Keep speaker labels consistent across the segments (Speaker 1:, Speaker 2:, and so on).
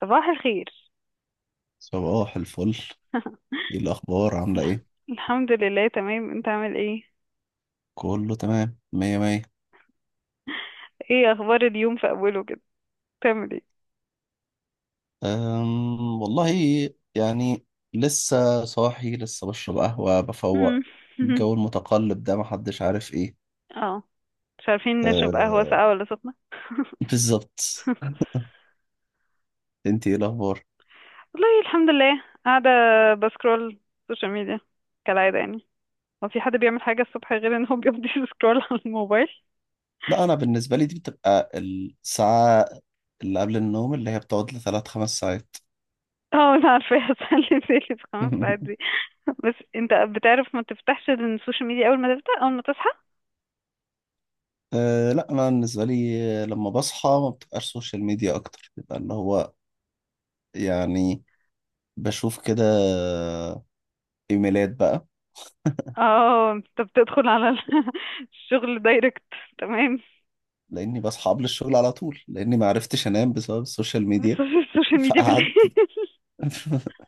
Speaker 1: صباح الخير.
Speaker 2: صباح الفل. ايه الاخبار؟ عامله ايه؟
Speaker 1: الحمد لله تمام. انت عامل ايه؟
Speaker 2: كله تمام، مية مية.
Speaker 1: ايه اخبار اليوم في اوله كده؟ بتعمل ايه؟
Speaker 2: والله، يعني لسه صاحي، لسه بشرب قهوه
Speaker 1: مم.
Speaker 2: بفوق. الجو المتقلب ده محدش عارف ايه.
Speaker 1: اه، مش عارفين نشرب قهوة
Speaker 2: أه،
Speaker 1: ساقعة ولا سخنة.
Speaker 2: بالظبط. انت ايه الاخبار؟
Speaker 1: والله الحمد لله، قاعدة بسكرول سوشيال ميديا كالعادة يعني. هو في حد بيعمل حاجة الصبح غير ان هو بيقضي سكرول على الموبايل؟
Speaker 2: لا، انا بالنسبه لي دي بتبقى الساعه اللي قبل النوم، اللي هي بتقعد لثلاث 5 ساعات.
Speaker 1: اه انا عارفة. هسلي بالي في 5 ساعات دي. بس انت بتعرف ما تفتحش السوشيال ميديا اول ما تفتح، اول ما تصحى.
Speaker 2: أه، لا انا بالنسبه لي لما بصحى ما بتبقاش سوشيال ميديا اكتر، بيبقى اللي هو يعني بشوف كده ايميلات بقى.
Speaker 1: اه، انت بتدخل على الشغل دايركت. تمام.
Speaker 2: لاني بصحى قبل الشغل على طول، لاني ما عرفتش انام بسبب السوشيال
Speaker 1: بس في
Speaker 2: ميديا
Speaker 1: السوشيال ميديا بالليل.
Speaker 2: فقعدت.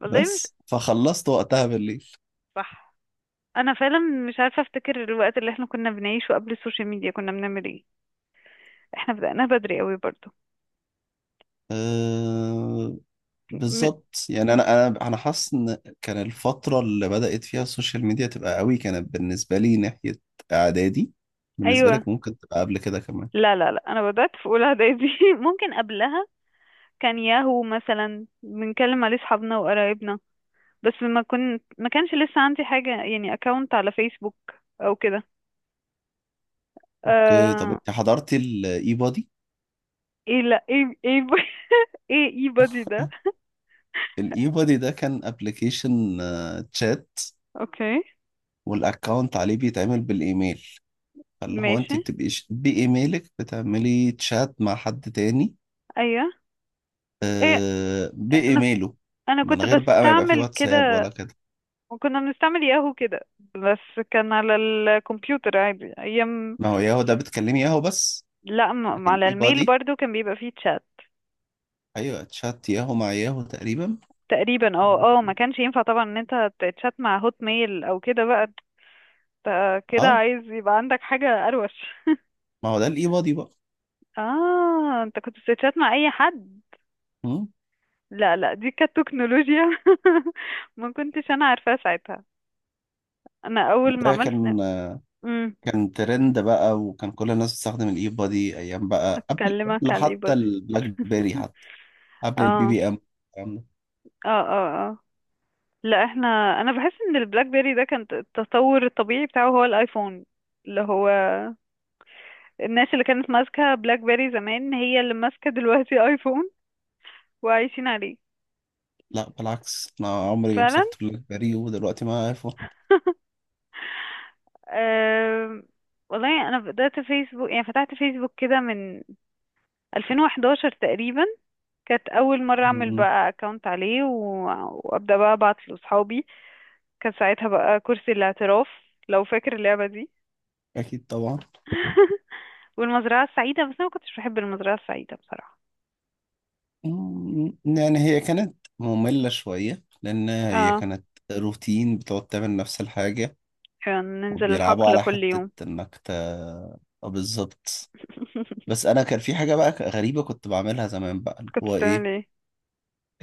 Speaker 1: والله مش
Speaker 2: بس فخلصت وقتها بالليل.
Speaker 1: صح. انا فعلا مش عارفه افتكر الوقت اللي احنا كنا بنعيشه قبل السوشيال ميديا كنا بنعمل ايه. احنا بدأناها بدري قوي برضو.
Speaker 2: أه،
Speaker 1: م...
Speaker 2: بالظبط. يعني انا حاسس ان كان الفتره اللي بدات فيها السوشيال ميديا تبقى قوي كانت بالنسبه لي ناحيه اعدادي. بالنسبه
Speaker 1: ايوه.
Speaker 2: لك ممكن تبقى قبل كده كمان.
Speaker 1: لا لا لا، انا بدأت في اولى اعدادي. ممكن قبلها كان ياهو مثلا بنكلم عليه اصحابنا وقرايبنا. بس ما كانش لسه عندي حاجه يعني اكونت على فيسبوك او كده.
Speaker 2: اوكي، طب
Speaker 1: آه...
Speaker 2: انت حضرتي الاي بودي؟
Speaker 1: ايه لا، ايه ايه. ايه اي بادي ده؟
Speaker 2: الاي بودي ده كان ابلكيشن تشات،
Speaker 1: اوكي
Speaker 2: والاكونت عليه بيتعمل بالايميل، فاللي هو
Speaker 1: ماشي،
Speaker 2: انت بتبقي بايميلك بتعملي تشات مع حد تاني.
Speaker 1: ايوه. ايه،
Speaker 2: آه،
Speaker 1: انا
Speaker 2: بايميله.
Speaker 1: كنت
Speaker 2: من غير بقى ما يبقى فيه
Speaker 1: بستعمل
Speaker 2: واتساب
Speaker 1: كده.
Speaker 2: ولا كده.
Speaker 1: وكنا بنستعمل ياهو كده، بس كان على الكمبيوتر عادي ايام.
Speaker 2: ما هو ياهو ده بتكلمي ياهو بس،
Speaker 1: لا
Speaker 2: لكن
Speaker 1: على
Speaker 2: اي
Speaker 1: الميل
Speaker 2: بادي
Speaker 1: برضو كان بيبقى فيه تشات.
Speaker 2: ايوه، تشات ياهو مع ياهو تقريبا.
Speaker 1: تقريبا اه اه، ما كانش ينفع طبعا ان انت تتشات مع هوت ميل او كده بقى. انت كده
Speaker 2: اه،
Speaker 1: عايز يبقى عندك حاجة اروش.
Speaker 2: ما هو ده الاي بادي بقى.
Speaker 1: اه، انت كنت بتتشات مع اي حد.
Speaker 2: مم.
Speaker 1: لا لا، دي كانت تكنولوجيا. ما كنتش انا عارفاها ساعتها. انا
Speaker 2: ما
Speaker 1: اول ما
Speaker 2: ده
Speaker 1: عملت
Speaker 2: كان ترند بقى، وكان كل الناس بتستخدم الاي بادي ايام بقى، قبل
Speaker 1: اكلمك
Speaker 2: قبل
Speaker 1: على الاي
Speaker 2: حتى
Speaker 1: بودي.
Speaker 2: البلاك بيري، حتى قبل البي
Speaker 1: اه
Speaker 2: بي ام
Speaker 1: اه اه اه، لا احنا. انا بحس ان البلاك بيري ده كان التطور الطبيعي بتاعه هو الايفون، اللي هو الناس اللي كانت ماسكة بلاك بيري زمان هي اللي ماسكة دلوقتي ايفون وعايشين عليه.
Speaker 2: لا، بالعكس انا عمري ما
Speaker 1: فعلا.
Speaker 2: مسكت بلاك بيري ودلوقتي معايا ايفون.
Speaker 1: أم، والله انا بدأت فيسبوك يعني فتحت فيسبوك كده من 2011 تقريبا. كانت اول مرة اعمل
Speaker 2: مم،
Speaker 1: بقى اكونت عليه وابدأ بقى ابعت لاصحابي. كان ساعتها بقى كرسي الاعتراف، لو فاكر اللعبة دي.
Speaker 2: اكيد طبعا.
Speaker 1: والمزرعة السعيدة، بس أنا ما كنتش بحب المزرعة السعيدة بصراحة.
Speaker 2: يعني هي كانت مملة شوية لان هي
Speaker 1: اه،
Speaker 2: كانت روتين، بتقعد تعمل نفس الحاجة.
Speaker 1: كان ننزل
Speaker 2: وبيلعبوا
Speaker 1: الحقل
Speaker 2: على
Speaker 1: كل يوم.
Speaker 2: حتة انك ت آه، بالظبط. بس انا كان في حاجة بقى غريبة كنت بعملها زمان بقى، اللي
Speaker 1: كنت
Speaker 2: هو
Speaker 1: بتعمل
Speaker 2: ايه؟
Speaker 1: ايه؟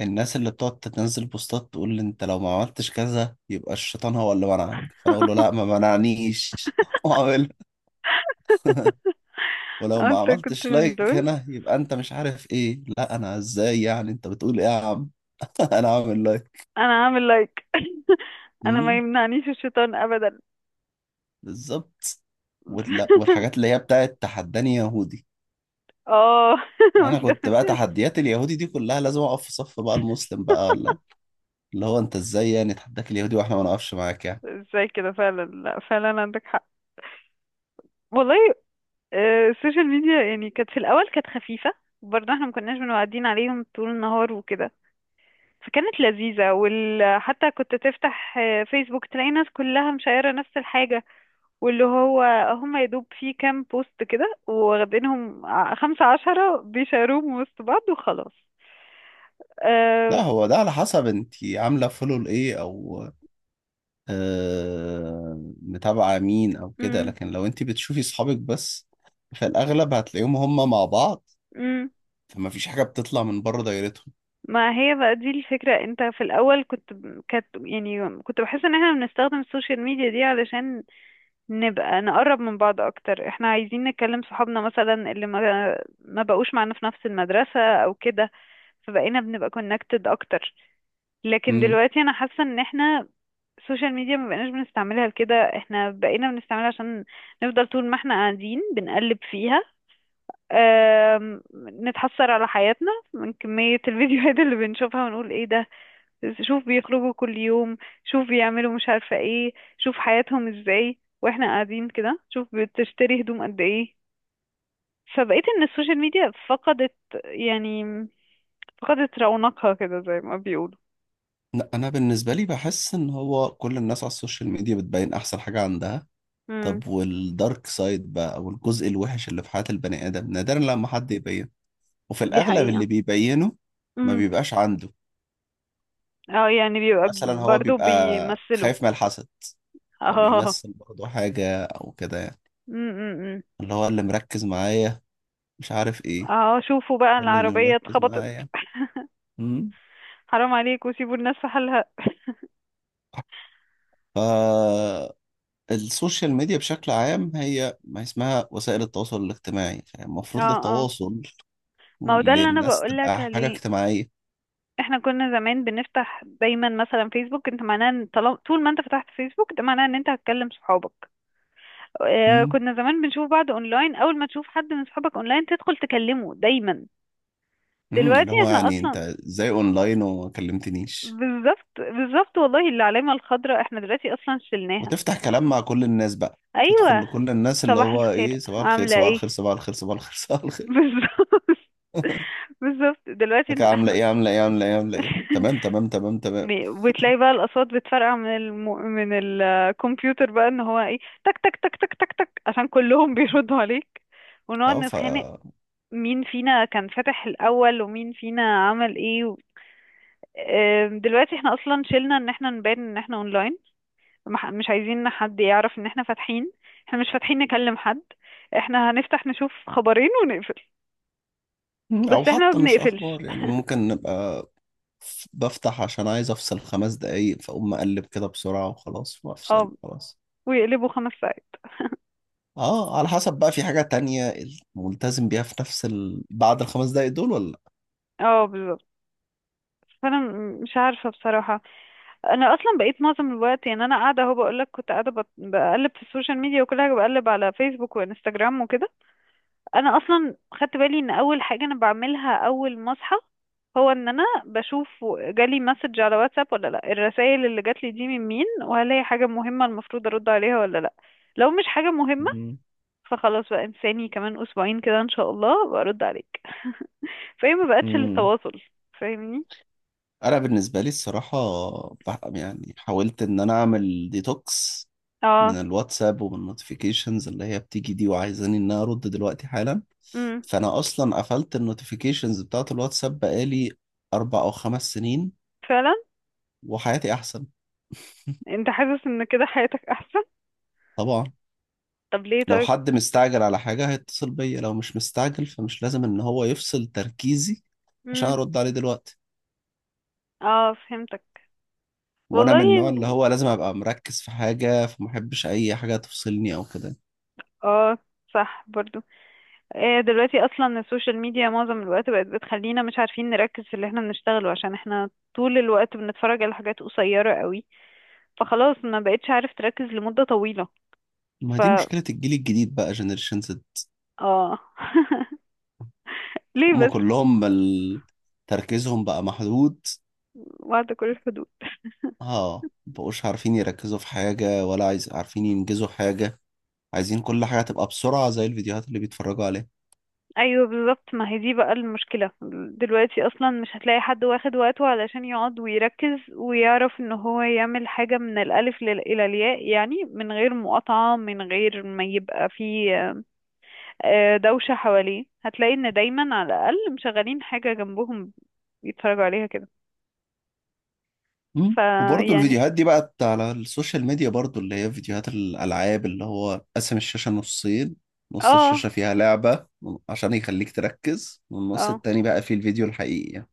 Speaker 2: الناس اللي بتقعد تنزل بوستات تقول لي انت لو ما عملتش كذا يبقى الشيطان هو اللي منعك، فانا اقول له لا، ما منعنيش واعملها. ولو ما
Speaker 1: انت كنت
Speaker 2: عملتش
Speaker 1: من
Speaker 2: لايك
Speaker 1: دول؟
Speaker 2: هنا يبقى انت مش عارف ايه، لا انا ازاي يعني، انت بتقول ايه يا عم؟ انا عامل لايك.
Speaker 1: انا عامل لايك. انا ما
Speaker 2: امم
Speaker 1: يمنعنيش الشيطان ابدا.
Speaker 2: بالظبط. والحاجات اللي هي بتاعت تحداني يهودي.
Speaker 1: اه
Speaker 2: انا كنت بقى
Speaker 1: وأنت-
Speaker 2: تحديات اليهودي دي كلها لازم اقف في صف بقى المسلم، بقى ولا اللي هو انت ازاي يعني تحداك اليهودي واحنا ما نقفش معاك يعني.
Speaker 1: ازاي كده؟ فعلا، لا فعلا عندك حق. والله. السوشيال ميديا يعني كانت في الأول كانت خفيفة. برضه احنا ما كناش بنقعدين عليهم طول النهار وكده، فكانت لذيذة حتى كنت تفتح فيسبوك تلاقي ناس كلها مشايرة نفس الحاجة واللي هو هم يا دوب في كام بوست كده واخدينهم 15، بيشاروهم وسط بعض وخلاص.
Speaker 2: لا،
Speaker 1: أه...
Speaker 2: هو ده على حسب انت عامله فولو لايه، او آه، متابعه مين او كده،
Speaker 1: مم،
Speaker 2: لكن لو انت بتشوفي صحابك بس فالاغلب هتلاقيهم هم مع بعض،
Speaker 1: مم.
Speaker 2: فما فيش حاجة بتطلع من بره دايرتهم.
Speaker 1: ما هي بقى دي الفكرة. انت في الأول كنت، كانت يعني كنت بحس ان احنا بنستخدم السوشيال ميديا دي علشان نبقى نقرب من بعض اكتر. احنا عايزين نكلم صحابنا مثلا اللي ما بقوش معانا في نفس المدرسة او كده، فبقينا بنبقى كونكتد اكتر. لكن
Speaker 2: مم.
Speaker 1: دلوقتي انا حاسة ان احنا، السوشيال ميديا ما بقيناش بنستعملها لكده، احنا بقينا بنستعملها عشان نفضل طول ما احنا قاعدين بنقلب فيها. آم، نتحسر على حياتنا من كمية الفيديوهات اللي بنشوفها ونقول ايه ده، شوف بيخرجوا كل يوم، شوف بيعملوا مش عارفة ايه، شوف حياتهم ازاي واحنا قاعدين كده، شوف بتشتري هدوم قد ايه. فبقيت ان السوشيال ميديا فقدت، يعني فقدت رونقها كده زي ما بيقولوا.
Speaker 2: لا، أنا بالنسبة لي بحس إن هو كل الناس على السوشيال ميديا بتبين أحسن حاجة عندها.
Speaker 1: امم،
Speaker 2: طب والدارك سايد بقى، أو الجزء الوحش اللي في حياة البني آدم، نادرا لما حد يبينه. وفي
Speaker 1: دي
Speaker 2: الأغلب
Speaker 1: حقيقة.
Speaker 2: اللي بيبينه ما
Speaker 1: امم،
Speaker 2: بيبقاش عنده.
Speaker 1: اه يعني بيبقى،
Speaker 2: مثلا هو
Speaker 1: برضو
Speaker 2: بيبقى
Speaker 1: بيمثلوا.
Speaker 2: خايف من الحسد،
Speaker 1: اه،
Speaker 2: فبيمثل برضه حاجة أو كده يعني.
Speaker 1: امم،
Speaker 2: اللي هو اللي مركز معايا مش عارف إيه،
Speaker 1: اه شوفوا بقى
Speaker 2: ولا اللي
Speaker 1: العربية
Speaker 2: مركز
Speaker 1: اتخبطت.
Speaker 2: معايا. مم.
Speaker 1: حرام عليكوا، سيبوا الناس في حالها.
Speaker 2: ف السوشيال ميديا بشكل عام، هي ما اسمها وسائل التواصل الاجتماعي،
Speaker 1: اه
Speaker 2: فالمفروض
Speaker 1: اه،
Speaker 2: للتواصل،
Speaker 1: ما هو ده اللي انا
Speaker 2: للناس،
Speaker 1: بقولك
Speaker 2: تبقى حاجة
Speaker 1: عليه.
Speaker 2: اجتماعية.
Speaker 1: احنا كنا زمان بنفتح دايما مثلا فيسبوك. انت معناه ان طالما طول ما انت فتحت فيسبوك ده معناه ان انت هتكلم صحابك. اه،
Speaker 2: مم.
Speaker 1: كنا زمان بنشوف بعض اونلاين، اول ما تشوف حد من صحابك اونلاين تدخل تكلمه دايما.
Speaker 2: مم. اللي
Speaker 1: دلوقتي
Speaker 2: هو
Speaker 1: احنا
Speaker 2: يعني انت
Speaker 1: اصلا،
Speaker 2: ازاي اونلاين وما كلمتنيش.
Speaker 1: بالظبط بالظبط. والله العلامة الخضراء احنا دلوقتي اصلا شلناها.
Speaker 2: وتفتح كلام مع كل الناس، بقى تدخل
Speaker 1: ايوه،
Speaker 2: لكل الناس اللي
Speaker 1: صباح
Speaker 2: هو ايه،
Speaker 1: الخير
Speaker 2: صباح الخير،
Speaker 1: عاملة
Speaker 2: صباح
Speaker 1: ايه.
Speaker 2: الخير، صباح الخير، صباح الخير صباح الخير.
Speaker 1: بالظبط بالظبط.
Speaker 2: لك
Speaker 1: دلوقتي
Speaker 2: عاملة
Speaker 1: احنا
Speaker 2: ايه، عاملة ايه، عاملة ايه، عاملة ايه، تمام تمام تمام تمام.
Speaker 1: وتلاقي بقى الأصوات بتفرقع من من الكمبيوتر بقى ان هو ايه، تك تك تك تك تك تك عشان كلهم بيردوا عليك. ونقعد
Speaker 2: اه.
Speaker 1: نتخانق مين فينا كان فاتح الأول ومين فينا عمل ايه دلوقتي احنا اصلا شلنا ان احنا نبان ان احنا اونلاين. مش عايزين إن حد يعرف ان احنا فاتحين. احنا مش فاتحين نكلم حد، احنا هنفتح نشوف خبرين ونقفل.
Speaker 2: مم.
Speaker 1: بس
Speaker 2: او
Speaker 1: احنا ما
Speaker 2: حتى مش
Speaker 1: بنقفلش.
Speaker 2: اخبار، يعني ممكن نبقى بفتح عشان عايز افصل 5 دقايق، فاقوم مقلب كده بسرعة وخلاص وافصل
Speaker 1: اه،
Speaker 2: خلاص.
Speaker 1: ويقلبوا 5 ساعات.
Speaker 2: اه، على حسب بقى في حاجة تانية ملتزم بيها في نفس بعد الخمس دقايق دول ولا لا.
Speaker 1: اه بالظبط. فانا مش عارفة بصراحة. انا اصلا بقيت معظم الوقت يعني، انا قاعده اهو بقول لك كنت قاعده بقلب في السوشيال ميديا وكل حاجه بقلب على فيسبوك وانستجرام وكده. انا اصلا خدت بالي ان اول حاجه انا بعملها اول ما اصحى، هو ان انا بشوف جالي مسج على واتساب ولا لا. الرسائل اللي جات لي دي من مين وهل هي حاجه مهمه المفروض ارد عليها ولا لا. لو مش حاجه مهمه
Speaker 2: مم.
Speaker 1: فخلاص بقى، انساني كمان اسبوعين كده ان شاء الله برد عليك. فهي ما بقتش
Speaker 2: مم.
Speaker 1: للتواصل، فاهمني.
Speaker 2: انا بالنسبة لي الصراحة يعني حاولت ان انا اعمل ديتوكس
Speaker 1: اه،
Speaker 2: من الواتساب ومن النوتيفيكيشنز اللي هي بتيجي دي، وعايزاني ان انا ارد دلوقتي حالا.
Speaker 1: امم،
Speaker 2: فانا اصلا قفلت النوتيفيكيشنز بتاعت الواتساب بقالي 4 او 5 سنين،
Speaker 1: فعلا.
Speaker 2: وحياتي احسن.
Speaker 1: انت حاسس ان كده حياتك احسن؟
Speaker 2: طبعا،
Speaker 1: طب ليه
Speaker 2: لو
Speaker 1: طيب؟
Speaker 2: حد مستعجل على حاجة هيتصل بيا، لو مش مستعجل فمش لازم ان هو يفصل تركيزي عشان
Speaker 1: امم،
Speaker 2: ارد عليه دلوقتي.
Speaker 1: اه فهمتك.
Speaker 2: وانا من
Speaker 1: والله
Speaker 2: النوع اللي هو لازم ابقى مركز في حاجة، فمحبش اي حاجة تفصلني او كده.
Speaker 1: اه صح برضو. دلوقتي اصلا السوشيال ميديا معظم الوقت بقت بتخلينا مش عارفين نركز في اللي احنا بنشتغله، عشان احنا طول الوقت بنتفرج على حاجات قصيرة قوي. فخلاص ما بقتش عارف تركز لمدة طويلة.
Speaker 2: ما
Speaker 1: ف
Speaker 2: دي مشكلة الجيل الجديد بقى، جنريشن زد.
Speaker 1: اه. ليه
Speaker 2: هما
Speaker 1: بس؟
Speaker 2: كلهم تركيزهم بقى محدود.
Speaker 1: بعد كل الحدود.
Speaker 2: اه، مبقوش عارفين يركزوا في حاجة ولا عايز عارفين ينجزوا حاجة، عايزين كل حاجة تبقى بسرعة زي الفيديوهات اللي بيتفرجوا عليها.
Speaker 1: ايوه بالظبط، ما هي دي بقى المشكلة. دلوقتي اصلا مش هتلاقي حد واخد وقته علشان يقعد ويركز ويعرف ان هو يعمل حاجة من الالف الى الياء يعني، من غير مقاطعة من غير ما يبقى فيه دوشة حواليه. هتلاقي ان دايما على الاقل مشغلين حاجة جنبهم يتفرجوا عليها كده.
Speaker 2: مم. وبرضه
Speaker 1: فيعني
Speaker 2: الفيديوهات دي بقت على السوشيال ميديا برضه، اللي هي فيديوهات الألعاب اللي هو قسم الشاشة نصين، نص
Speaker 1: اه
Speaker 2: الشاشة فيها لعبة عشان يخليك تركز، والنص
Speaker 1: اه،
Speaker 2: التاني بقى فيه الفيديو الحقيقي يعني.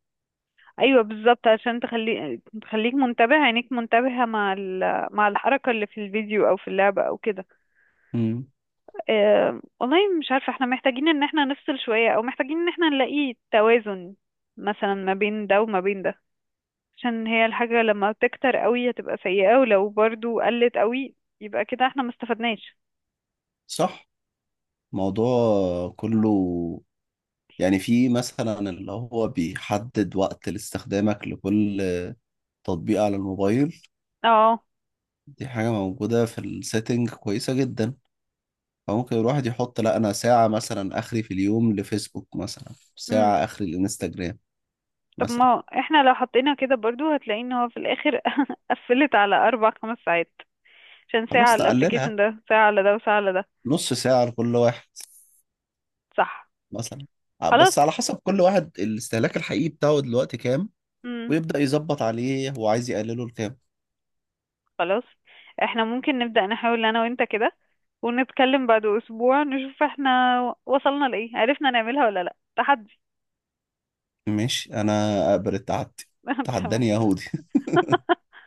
Speaker 1: ايوه بالظبط عشان تخلي، تخليك منتبه، عينيك منتبهة مع مع الحركة اللي في الفيديو او في اللعبة او كده.
Speaker 2: مم.
Speaker 1: والله مش عارفة احنا محتاجين ان احنا نفصل شوية او محتاجين ان احنا نلاقي توازن مثلا ما بين ده وما بين ده. عشان هي الحاجة لما تكتر قوي هتبقى سيئة، ولو برضو قلت قوي يبقى كده احنا ما استفدناش.
Speaker 2: صح. الموضوع كله يعني في مثلا اللي هو بيحدد وقت لاستخدامك لكل تطبيق على الموبايل،
Speaker 1: اه،
Speaker 2: دي حاجة موجودة في السيتنج كويسة جدا. أو ممكن الواحد يحط، لا أنا ساعة مثلا آخري في اليوم لفيسبوك، مثلا
Speaker 1: امم.
Speaker 2: ساعة آخري للإنستجرام
Speaker 1: طب
Speaker 2: مثلا.
Speaker 1: ما احنا لو حطينا كده برضو هتلاقي ان هو في الاخر قفلت على 4 5 ساعات عشان ساعة على
Speaker 2: خلاص، نقللها
Speaker 1: الابليكيشن ده ساعة على ده وساعة على ده.
Speaker 2: نص ساعة لكل واحد
Speaker 1: صح
Speaker 2: مثلا.
Speaker 1: خلاص،
Speaker 2: بس على حسب كل واحد الاستهلاك الحقيقي بتاعه دلوقتي كام، ويبدأ يظبط عليه هو عايز يقلله لكام.
Speaker 1: خلاص احنا ممكن نبدأ نحاول انا وانت كده ونتكلم بعد اسبوع نشوف احنا وصلنا لايه، عرفنا نعملها ولا لا. تحدي.
Speaker 2: ماشي، أنا أقبل التحدي. تحداني يهودي.
Speaker 1: تمام.